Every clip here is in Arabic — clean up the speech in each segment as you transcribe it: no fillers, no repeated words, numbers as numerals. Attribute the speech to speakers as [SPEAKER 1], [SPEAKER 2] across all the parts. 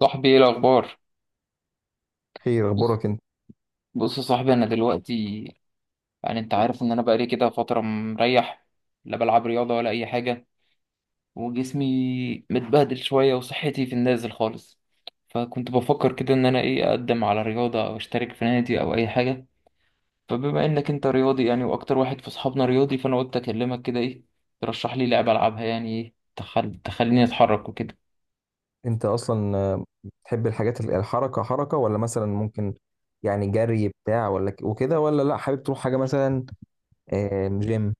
[SPEAKER 1] صاحبي ايه الاخبار؟
[SPEAKER 2] خير،
[SPEAKER 1] بص
[SPEAKER 2] اخبارك انت
[SPEAKER 1] بص يا صاحبي، انا دلوقتي يعني انت عارف ان انا بقالي كده فتره مريح، لا بلعب رياضه ولا اي حاجه، وجسمي متبهدل شويه وصحتي في النازل خالص. فكنت بفكر كده ان انا ايه، اقدم على رياضه او اشترك في نادي او اي حاجه. فبما انك انت رياضي يعني واكتر واحد في اصحابنا رياضي، فانا قلت اكلمك كده ايه، ترشح لي لعبه العبها، يعني ايه تخليني اتحرك وكده.
[SPEAKER 2] انت اصلا بتحب الحاجات الحركه حركه، ولا مثلا ممكن يعني جري بتاع، ولا وكده، ولا لا حابب تروح حاجه مثلا جيم؟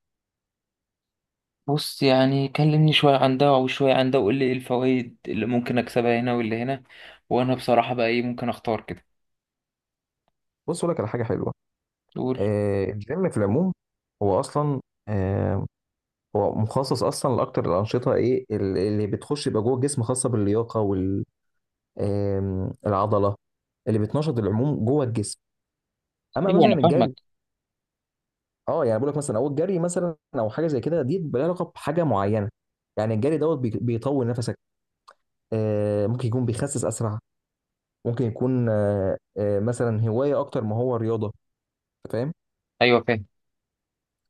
[SPEAKER 1] بص، يعني كلمني شوية عن ده وشوية عن ده، وقول لي ايه الفوائد اللي ممكن اكسبها هنا واللي هنا، وانا بصراحة بقى ايه، ممكن اختار كده.
[SPEAKER 2] بص اقول لك على حاجه حلوه.
[SPEAKER 1] تقول.
[SPEAKER 2] الجيم في العموم هو اصلا آه، هو مخصص اصلا لاكتر الانشطه اللي بتخش يبقى جوه الجسم، خاصه باللياقه والعضله اللي بتنشط العموم جوه الجسم. اما
[SPEAKER 1] ايوه
[SPEAKER 2] مثلا
[SPEAKER 1] انا فاهمك.
[SPEAKER 2] الجري، اه يعني بقول لك مثلا، او الجري مثلا، او حاجه زي كده دي، بلا علاقه بحاجه معينه. يعني الجري دوت بيطول نفسك. ممكن يكون بيخسس اسرع. ممكن يكون مثلا هوايه اكتر ما هو رياضه. أنت فاهم؟
[SPEAKER 1] ايوه فاهم.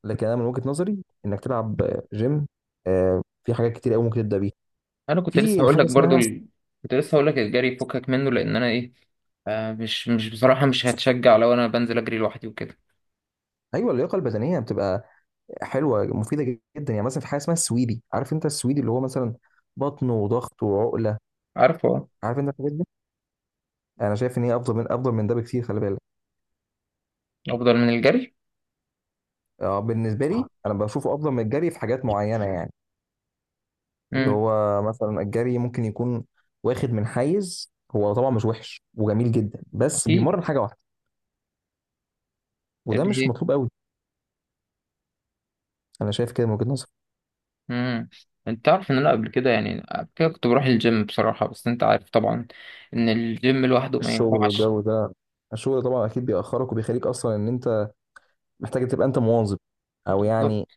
[SPEAKER 2] لكن انا من وجهه نظري انك تلعب جيم. في حاجات كتير قوي ممكن تبدا بيها.
[SPEAKER 1] انا كنت لسه
[SPEAKER 2] في
[SPEAKER 1] هقول
[SPEAKER 2] حاجه
[SPEAKER 1] لك برضو
[SPEAKER 2] اسمها،
[SPEAKER 1] كنت لسه هقول لك الجري فكك منه، لان انا ايه، آه مش بصراحة مش هتشجع لو انا بنزل اجري لوحدي وكده.
[SPEAKER 2] ايوه، اللياقه البدنيه بتبقى حلوه، مفيده جدا. يعني مثلا في حاجه اسمها السويدي. عارف انت السويدي؟ اللي هو مثلا بطن وضغط وعقله.
[SPEAKER 1] عارفه، آه.
[SPEAKER 2] عارف انت الحاجات دي. انا شايف ان هي افضل من ده بكتير، خلي بالك.
[SPEAKER 1] افضل من الجري؟
[SPEAKER 2] اه بالنسبه لي انا بشوفه افضل من الجري في حاجات معينه، يعني اللي
[SPEAKER 1] امم
[SPEAKER 2] هو مثلا الجري ممكن يكون واخد من حيز، هو طبعا مش وحش وجميل جدا، بس
[SPEAKER 1] اكيد.
[SPEAKER 2] بيمرن حاجه واحده. وده
[SPEAKER 1] اللي
[SPEAKER 2] مش
[SPEAKER 1] هي.
[SPEAKER 2] مطلوب قوي. انا شايف كده من وجهه نظري.
[SPEAKER 1] امم انت تعرف ان انا قبل كده، يعني قبل كده كنت بروح الجيم بصراحة، بس انت عارف طبعا ان الجيم لوحده ما
[SPEAKER 2] الشغل
[SPEAKER 1] ينفعش.
[SPEAKER 2] والجو ده، الشغل طبعا اكيد بيأخرك وبيخليك اصلا ان انت محتاج تبقى انت مواظب، او
[SPEAKER 1] بالظبط.
[SPEAKER 2] يعني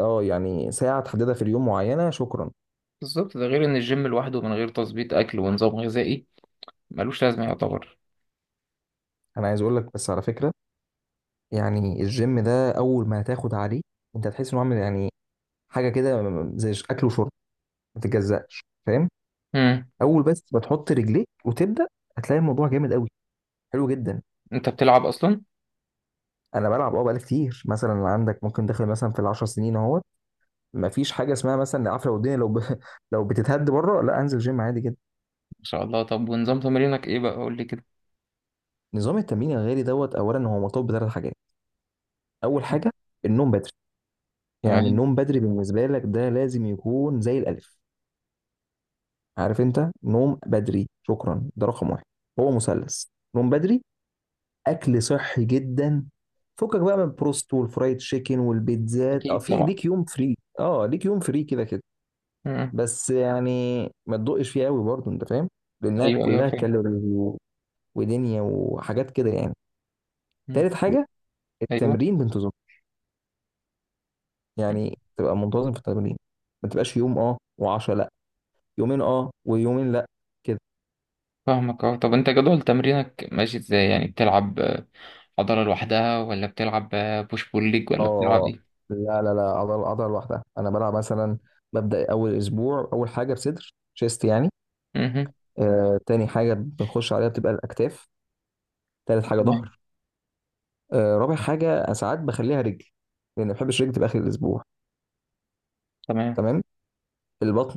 [SPEAKER 2] اه يعني ساعه تحددها في اليوم معينه. شكرا.
[SPEAKER 1] بالظبط، ده غير ان الجيم لوحده من غير تظبيط اكل ونظام غذائي ملوش لازمه يعتبر.
[SPEAKER 2] انا عايز اقول لك بس على فكره، يعني الجيم ده اول ما هتاخد عليه انت هتحس انه عامل يعني حاجه كده زي اكل وشرب ما تتجزأش، فاهم؟
[SPEAKER 1] امم
[SPEAKER 2] اول بس ما تحط رجليك وتبدا، هتلاقي الموضوع جامد قوي، حلو جدا.
[SPEAKER 1] انت بتلعب اصلا، ما
[SPEAKER 2] انا بلعب اه، بقالي كتير. مثلا عندك ممكن داخل مثلا في ال10 سنين اهوت. ما فيش حاجه اسمها مثلا عفره والدنيا لو لو بتتهد بره، لا، انزل جيم عادي جدا.
[SPEAKER 1] شاء الله. طب ونظام تمرينك ايه بقى؟ قول لي كده.
[SPEAKER 2] نظام التمرين الغالي دوت اولا هو مرتبط بثلاث حاجات. اول
[SPEAKER 1] مم.
[SPEAKER 2] حاجه النوم بدري. يعني
[SPEAKER 1] تمام.
[SPEAKER 2] النوم بدري بالنسبه لك ده لازم يكون زي الالف. عارف انت نوم بدري؟ شكرا. ده رقم واحد. هو مثلث: نوم بدري، اكل صحي جدا، فكك بقى من البروست والفرايد تشيكن والبيتزات. اه
[SPEAKER 1] اكيد
[SPEAKER 2] في
[SPEAKER 1] طبعا.
[SPEAKER 2] ليك يوم فري، اه ليك يوم فري، كده كده.
[SPEAKER 1] امم
[SPEAKER 2] بس يعني ما تدقش فيه قوي برضه، انت فاهم؟ لانها
[SPEAKER 1] ايوه ايوه
[SPEAKER 2] كلها
[SPEAKER 1] فاهم.
[SPEAKER 2] كالوري ودنيا وحاجات كده يعني.
[SPEAKER 1] مم.
[SPEAKER 2] تالت حاجه
[SPEAKER 1] ايوه.
[SPEAKER 2] التمرين بانتظام.
[SPEAKER 1] مم.
[SPEAKER 2] يعني تبقى منتظم في التمرين. ما تبقاش يوم اه و10 لا، يومين اه ويومين لا، كده.
[SPEAKER 1] فاهمك، اه. طب انت جدول تمرينك ماشي ازاي؟ يعني بتلعب عضله لوحدها، ولا بتلعب بوش بول ليج،
[SPEAKER 2] اه
[SPEAKER 1] ولا
[SPEAKER 2] آه،
[SPEAKER 1] بتلعب
[SPEAKER 2] آه.
[SPEAKER 1] ايه؟
[SPEAKER 2] لا لا لا، عضله عضله لوحدها. انا بلعب مثلا ببدا اول اسبوع اول حاجه بصدر شيست يعني.
[SPEAKER 1] مهم.
[SPEAKER 2] تاني حاجة بنخش عليها بتبقى الأكتاف. تالت حاجة
[SPEAKER 1] تمام.
[SPEAKER 2] ظهر. رابع حاجة أنا ساعات بخليها رجل، لأن ما بحبش رجل تبقى آخر الأسبوع.
[SPEAKER 1] تمام.
[SPEAKER 2] تمام. البطن،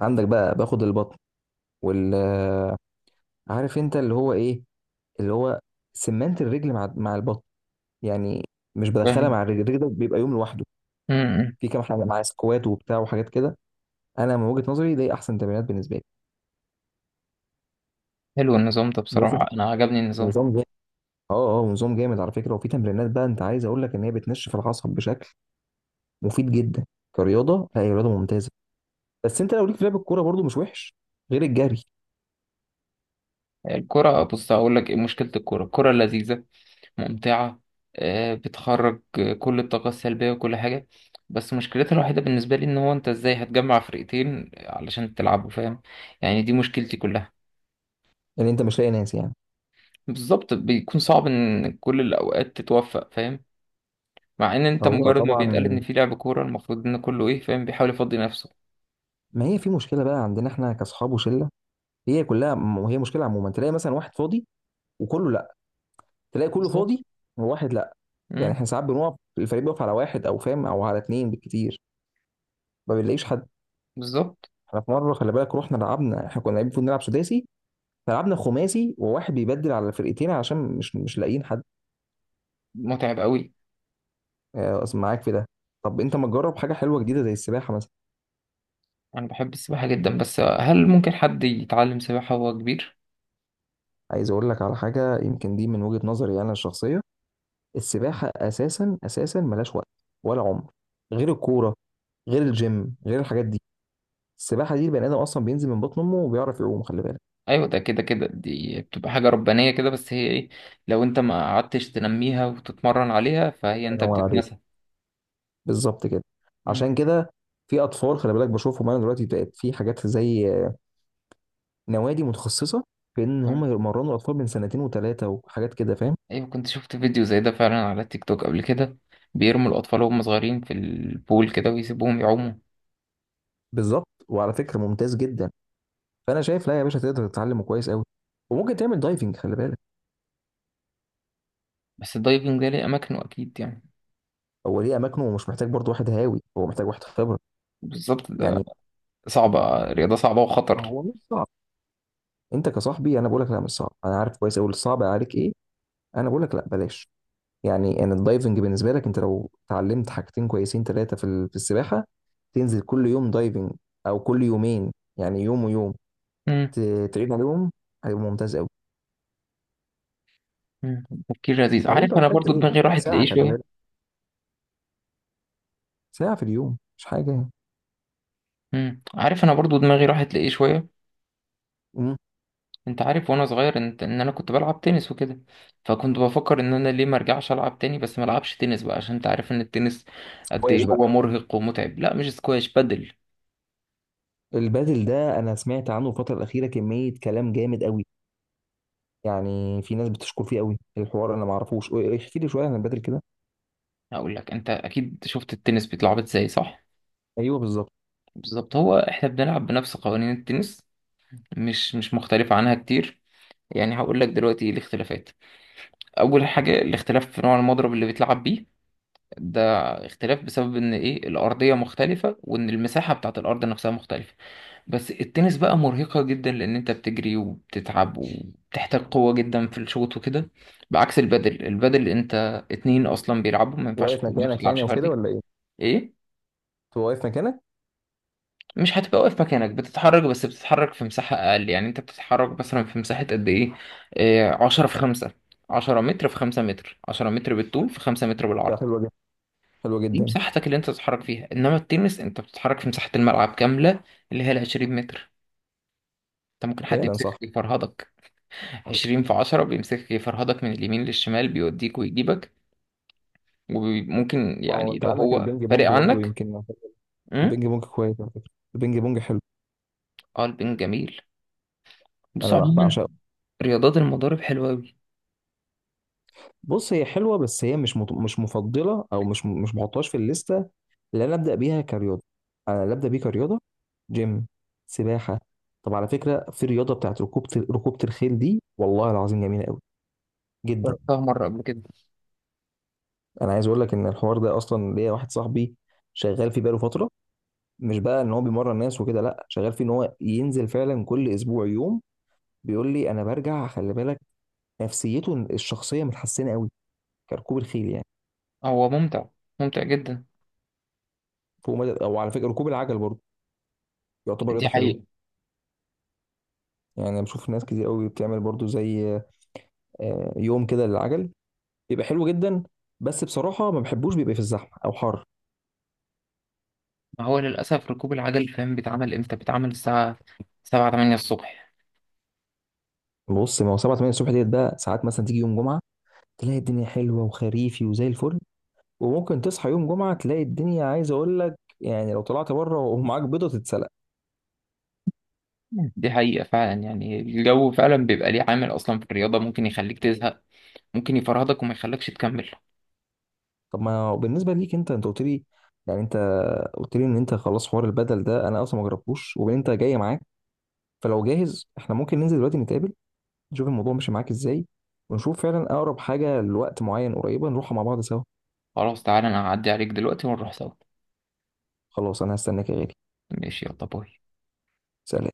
[SPEAKER 2] عندك بقى باخد البطن وال آه، عارف أنت اللي هو إيه، اللي هو سمنت الرجل مع البطن. يعني مش بدخلها
[SPEAKER 1] فاهم.
[SPEAKER 2] مع الرجل. الرجل ده بيبقى يوم لوحده.
[SPEAKER 1] مم.
[SPEAKER 2] في كام حاجة معاه، سكوات وبتاع وحاجات كده. أنا من وجهة نظري دي أحسن تمرينات بالنسبة لي.
[SPEAKER 1] حلو النظام ده
[SPEAKER 2] بص،
[SPEAKER 1] بصراحه، انا عجبني النظام.
[SPEAKER 2] نظام جامد. اه اه نظام جامد على فكرة. وفي تمرينات بقى أنت عايز أقول لك إن هي بتنشف العصب بشكل مفيد جدا. كرياضه، لا هي رياضه ممتازه. بس انت لو ليك في لعب الكوره برضو مش وحش، غير الجري.
[SPEAKER 1] الكرة، بص هقول لك ايه مشكلة الكرة. الكرة لذيذة، ممتعة، بتخرج كل الطاقة السلبية وكل حاجة. بس مشكلتها الوحيدة بالنسبة لي إن هو أنت إزاي هتجمع فرقتين علشان تلعبوا، فاهم؟ يعني دي مشكلتي كلها.
[SPEAKER 2] يعني انت مش لاقي ناس يعني.
[SPEAKER 1] بالظبط، بيكون صعب إن كل الأوقات تتوفق، فاهم؟ مع إن أنت
[SPEAKER 2] هو
[SPEAKER 1] مجرد ما بيتقال
[SPEAKER 2] طبعا
[SPEAKER 1] إن في لعب كورة، المفروض إن كله إيه، فاهم، بيحاول يفضي نفسه.
[SPEAKER 2] ما هي في مشكله بقى عندنا احنا كاصحاب وشله، هي كلها. وهي مشكله عموما، تلاقي مثلا واحد فاضي وكله لا، تلاقي كله
[SPEAKER 1] بالظبط.
[SPEAKER 2] فاضي وواحد لا. يعني
[SPEAKER 1] مم،
[SPEAKER 2] احنا ساعات بنقف، الفريق بيقف على واحد، او فاهم، او على اتنين بالكتير. ما بنلاقيش حد.
[SPEAKER 1] بالظبط.
[SPEAKER 2] احنا في مره خلي بالك رحنا لعبنا، احنا كنا لاعبين المفروض نلعب سداسي، فلعبنا خماسي وواحد بيبدل على الفرقتين عشان مش لاقيين حد.
[SPEAKER 1] متعب قوي.
[SPEAKER 2] أصل معاك في ده. طب انت ما تجرب حاجه حلوه جديده زي السباحه مثلا؟
[SPEAKER 1] أنا بحب السباحة جدا، بس هل ممكن حد يتعلم سباحة وهو كبير؟
[SPEAKER 2] عايز اقول لك على حاجه، يمكن دي من وجهه نظري انا الشخصيه، السباحه اساسا اساسا ملاش وقت ولا عمر، غير الكوره، غير الجيم، غير الحاجات دي. السباحه دي البني ادم اصلا بينزل من بطن امه وبيعرف يعوم، خلي بالك.
[SPEAKER 1] ايوه، ده كده دي بتبقى حاجه ربانيه كده، بس هي ايه، لو انت ما قعدتش تنميها وتتمرن عليها، فهي
[SPEAKER 2] الله
[SPEAKER 1] انت
[SPEAKER 2] ينور عليك،
[SPEAKER 1] بتتنسى.
[SPEAKER 2] بالظبط كده. عشان
[SPEAKER 1] مم،
[SPEAKER 2] كده في اطفال، خلي بالك بشوفهم انا دلوقتي بقت، في حاجات زي نوادي متخصصه في ان هم
[SPEAKER 1] تمام.
[SPEAKER 2] يمرنوا الاطفال من سنتين وثلاثه وحاجات كده، فاهم؟
[SPEAKER 1] ايوه، كنت شفت فيديو زي ده فعلا على تيك توك قبل كده، بيرموا الاطفال وهم صغيرين في البول كده ويسيبوهم يعوموا.
[SPEAKER 2] بالظبط وعلى فكره ممتاز جدا. فانا شايف لا يا باشا تقدر تتعلمه كويس قوي، وممكن تعمل دايفنج، خلي بالك.
[SPEAKER 1] بس الدايفنج ده ليه اماكنه اكيد يعني.
[SPEAKER 2] هو ليه اماكنه، ومش محتاج برضو واحد هاوي، هو محتاج واحد خبره.
[SPEAKER 1] بالظبط ده.
[SPEAKER 2] يعني
[SPEAKER 1] صعبه، رياضه صعبه
[SPEAKER 2] ما
[SPEAKER 1] وخطر.
[SPEAKER 2] هو مش صعب. انت كصاحبي انا بقول لك لا مش صعب، انا عارف كويس قوي الصعب عليك ايه. انا بقول لك لا بلاش. يعني ان الدايفنج بالنسبه لك، انت لو اتعلمت حاجتين كويسين ثلاثه في في السباحه، تنزل كل يوم دايفنج او كل يومين، يعني يوم ويوم،
[SPEAKER 1] مم.
[SPEAKER 2] تعيد عليهم، هيبقى ممتاز قوي.
[SPEAKER 1] مم، تفكير لذيذ
[SPEAKER 2] بعدين
[SPEAKER 1] عارف
[SPEAKER 2] انت
[SPEAKER 1] انا
[SPEAKER 2] محتاج
[SPEAKER 1] برضو
[SPEAKER 2] ايه؟
[SPEAKER 1] دماغي
[SPEAKER 2] محتاج
[SPEAKER 1] راحت
[SPEAKER 2] ساعه،
[SPEAKER 1] لايه
[SPEAKER 2] خلي
[SPEAKER 1] شويه
[SPEAKER 2] بالك، ساعه في اليوم مش حاجه يعني.
[SPEAKER 1] مم، عارف، انا برضو دماغي راحت لايه شويه.
[SPEAKER 2] مم.
[SPEAKER 1] انت عارف وانا صغير، انت ان انا كنت بلعب تنس وكده، فكنت بفكر ان انا ليه ما ارجعش العب تاني، بس ما العبش تنس بقى عشان انت عارف ان التنس قد ايه
[SPEAKER 2] واش بقى.
[SPEAKER 1] هو مرهق ومتعب. لا مش سكواش، بدل.
[SPEAKER 2] البادل ده انا سمعت عنه الفتره الاخيره كميه كلام جامد قوي. يعني في ناس بتشكر فيه قوي، الحوار انا ما اعرفوش، ايه، ايه، احكي لي شويه عن البادل كده.
[SPEAKER 1] هقول لك، انت اكيد شفت التنس بيتلعب ازاي، صح؟
[SPEAKER 2] ايوه، بالظبط.
[SPEAKER 1] بالظبط. هو احنا بنلعب بنفس قوانين التنس، مش مختلفة عنها كتير. يعني هقول لك دلوقتي ايه الاختلافات. اول حاجة، الاختلاف في نوع المضرب اللي بيتلعب بيه ده، اختلاف بسبب ان ايه الارضيه مختلفه، وان المساحه بتاعت الارض نفسها مختلفه. بس التنس بقى مرهقه جدا، لان انت بتجري وبتتعب وبتحتاج قوه جدا في الشوط وكده، بعكس البادل. البادل انت اتنين اصلا بيلعبوا، ما ينفعش
[SPEAKER 2] واقف
[SPEAKER 1] ما
[SPEAKER 2] مكانك يعني،
[SPEAKER 1] بتلعبش
[SPEAKER 2] او كده
[SPEAKER 1] فردي.
[SPEAKER 2] ولا ايه؟
[SPEAKER 1] ايه.
[SPEAKER 2] هو واقف مكانك.
[SPEAKER 1] مش هتبقى واقف مكانك، بتتحرك، بس بتتحرك في مساحه اقل. يعني انت بتتحرك مثلا في مساحه قد ايه، إيه، 10 في 5، 10 متر في 5 متر. 10 متر بالطول في 5 متر
[SPEAKER 2] لا،
[SPEAKER 1] بالعرض.
[SPEAKER 2] حلوه جدا، حلوه
[SPEAKER 1] دي
[SPEAKER 2] جدا.
[SPEAKER 1] مساحتك اللي انت تتحرك فيها، انما التنس انت بتتحرك في مساحة الملعب كاملة، اللي هي ال 20 متر. انت ممكن حد
[SPEAKER 2] فعلا صح.
[SPEAKER 1] يمسكك يفرهدك. 20 في 10، بيمسكك يفرهدك من اليمين للشمال، بيوديك ويجيبك. وممكن
[SPEAKER 2] ما هو
[SPEAKER 1] يعني
[SPEAKER 2] انت
[SPEAKER 1] لو
[SPEAKER 2] عندك
[SPEAKER 1] هو
[SPEAKER 2] البينج
[SPEAKER 1] فارق
[SPEAKER 2] بونج برضه
[SPEAKER 1] عنك.
[SPEAKER 2] يمكن.
[SPEAKER 1] امم
[SPEAKER 2] البينج بونج كويس على فكره، البينج بونج حلو،
[SPEAKER 1] اه، البنج جميل. بص
[SPEAKER 2] انا
[SPEAKER 1] عموما،
[SPEAKER 2] بعشقه.
[SPEAKER 1] رياضات المضارب حلوة أوي.
[SPEAKER 2] بص هي حلوه، بس هي مش مفضله، او مش بحطهاش في الليسته اللي انا ابدا بيها كرياضه. انا اللي ابدا بيه كرياضه جيم، سباحه. طب على فكره في رياضه بتاعت ركوبه الخيل، دي والله العظيم جميله قوي جدا.
[SPEAKER 1] جربتها مرة قبل كده.
[SPEAKER 2] انا عايز اقول لك ان الحوار ده اصلا ليا واحد صاحبي شغال فيه بقاله فتره، مش بقى ان هو بيمرن ناس وكده، لا، شغال فيه ان هو ينزل فعلا كل اسبوع يوم. بيقول لي انا برجع، خلي بالك، نفسيته الشخصيه متحسنه قوي، كركوب الخيل يعني.
[SPEAKER 1] هو ممتع، ممتع جدا.
[SPEAKER 2] فوق مدى. او على فكره ركوب العجل برضه يعتبر رياضه
[SPEAKER 1] دي
[SPEAKER 2] حلوه.
[SPEAKER 1] حقيقة.
[SPEAKER 2] يعني أنا بشوف ناس كتير قوي بتعمل برضو زي يوم كده للعجل، بيبقى حلو جدا. بس بصراحه ما بحبوش، بيبقى في الزحمه او حر.
[SPEAKER 1] ما هو للأسف ركوب العجل، فاهم، بيتعمل امتى؟ بيتعمل الساعة 7 8 الصبح.
[SPEAKER 2] بص ما هو 7 8 الصبح ديت، بقى ساعات مثلا تيجي يوم جمعه تلاقي الدنيا حلوه وخريفي وزي الفل. وممكن تصحى يوم جمعه تلاقي الدنيا، عايز اقول لك، يعني لو طلعت بره ومعاك بيضه تتسلق.
[SPEAKER 1] دي حقيقة فعلا، يعني الجو فعلا بيبقى ليه عامل أصلا في الرياضة، ممكن يخليك تزهق، ممكن يفرهدك وما يخليكش تكمل.
[SPEAKER 2] طب ما هو بالنسبه ليك انت قلت لي، يعني انت ان انت خلاص حوار البدل ده انا اصلا ما جربتوش، وبين انت جاي معاك، فلو جاهز احنا ممكن ننزل دلوقتي نتقابل، نشوف الموضوع ماشي معاك ازاي، ونشوف فعلا اقرب حاجه لوقت معين قريبه نروحها مع بعض سوا.
[SPEAKER 1] خلاص، تعالى أنا هعدي عليك دلوقتي ونروح سوا.
[SPEAKER 2] خلاص انا هستناك يا غالي.
[SPEAKER 1] ماشي، يلا باي.
[SPEAKER 2] سلام.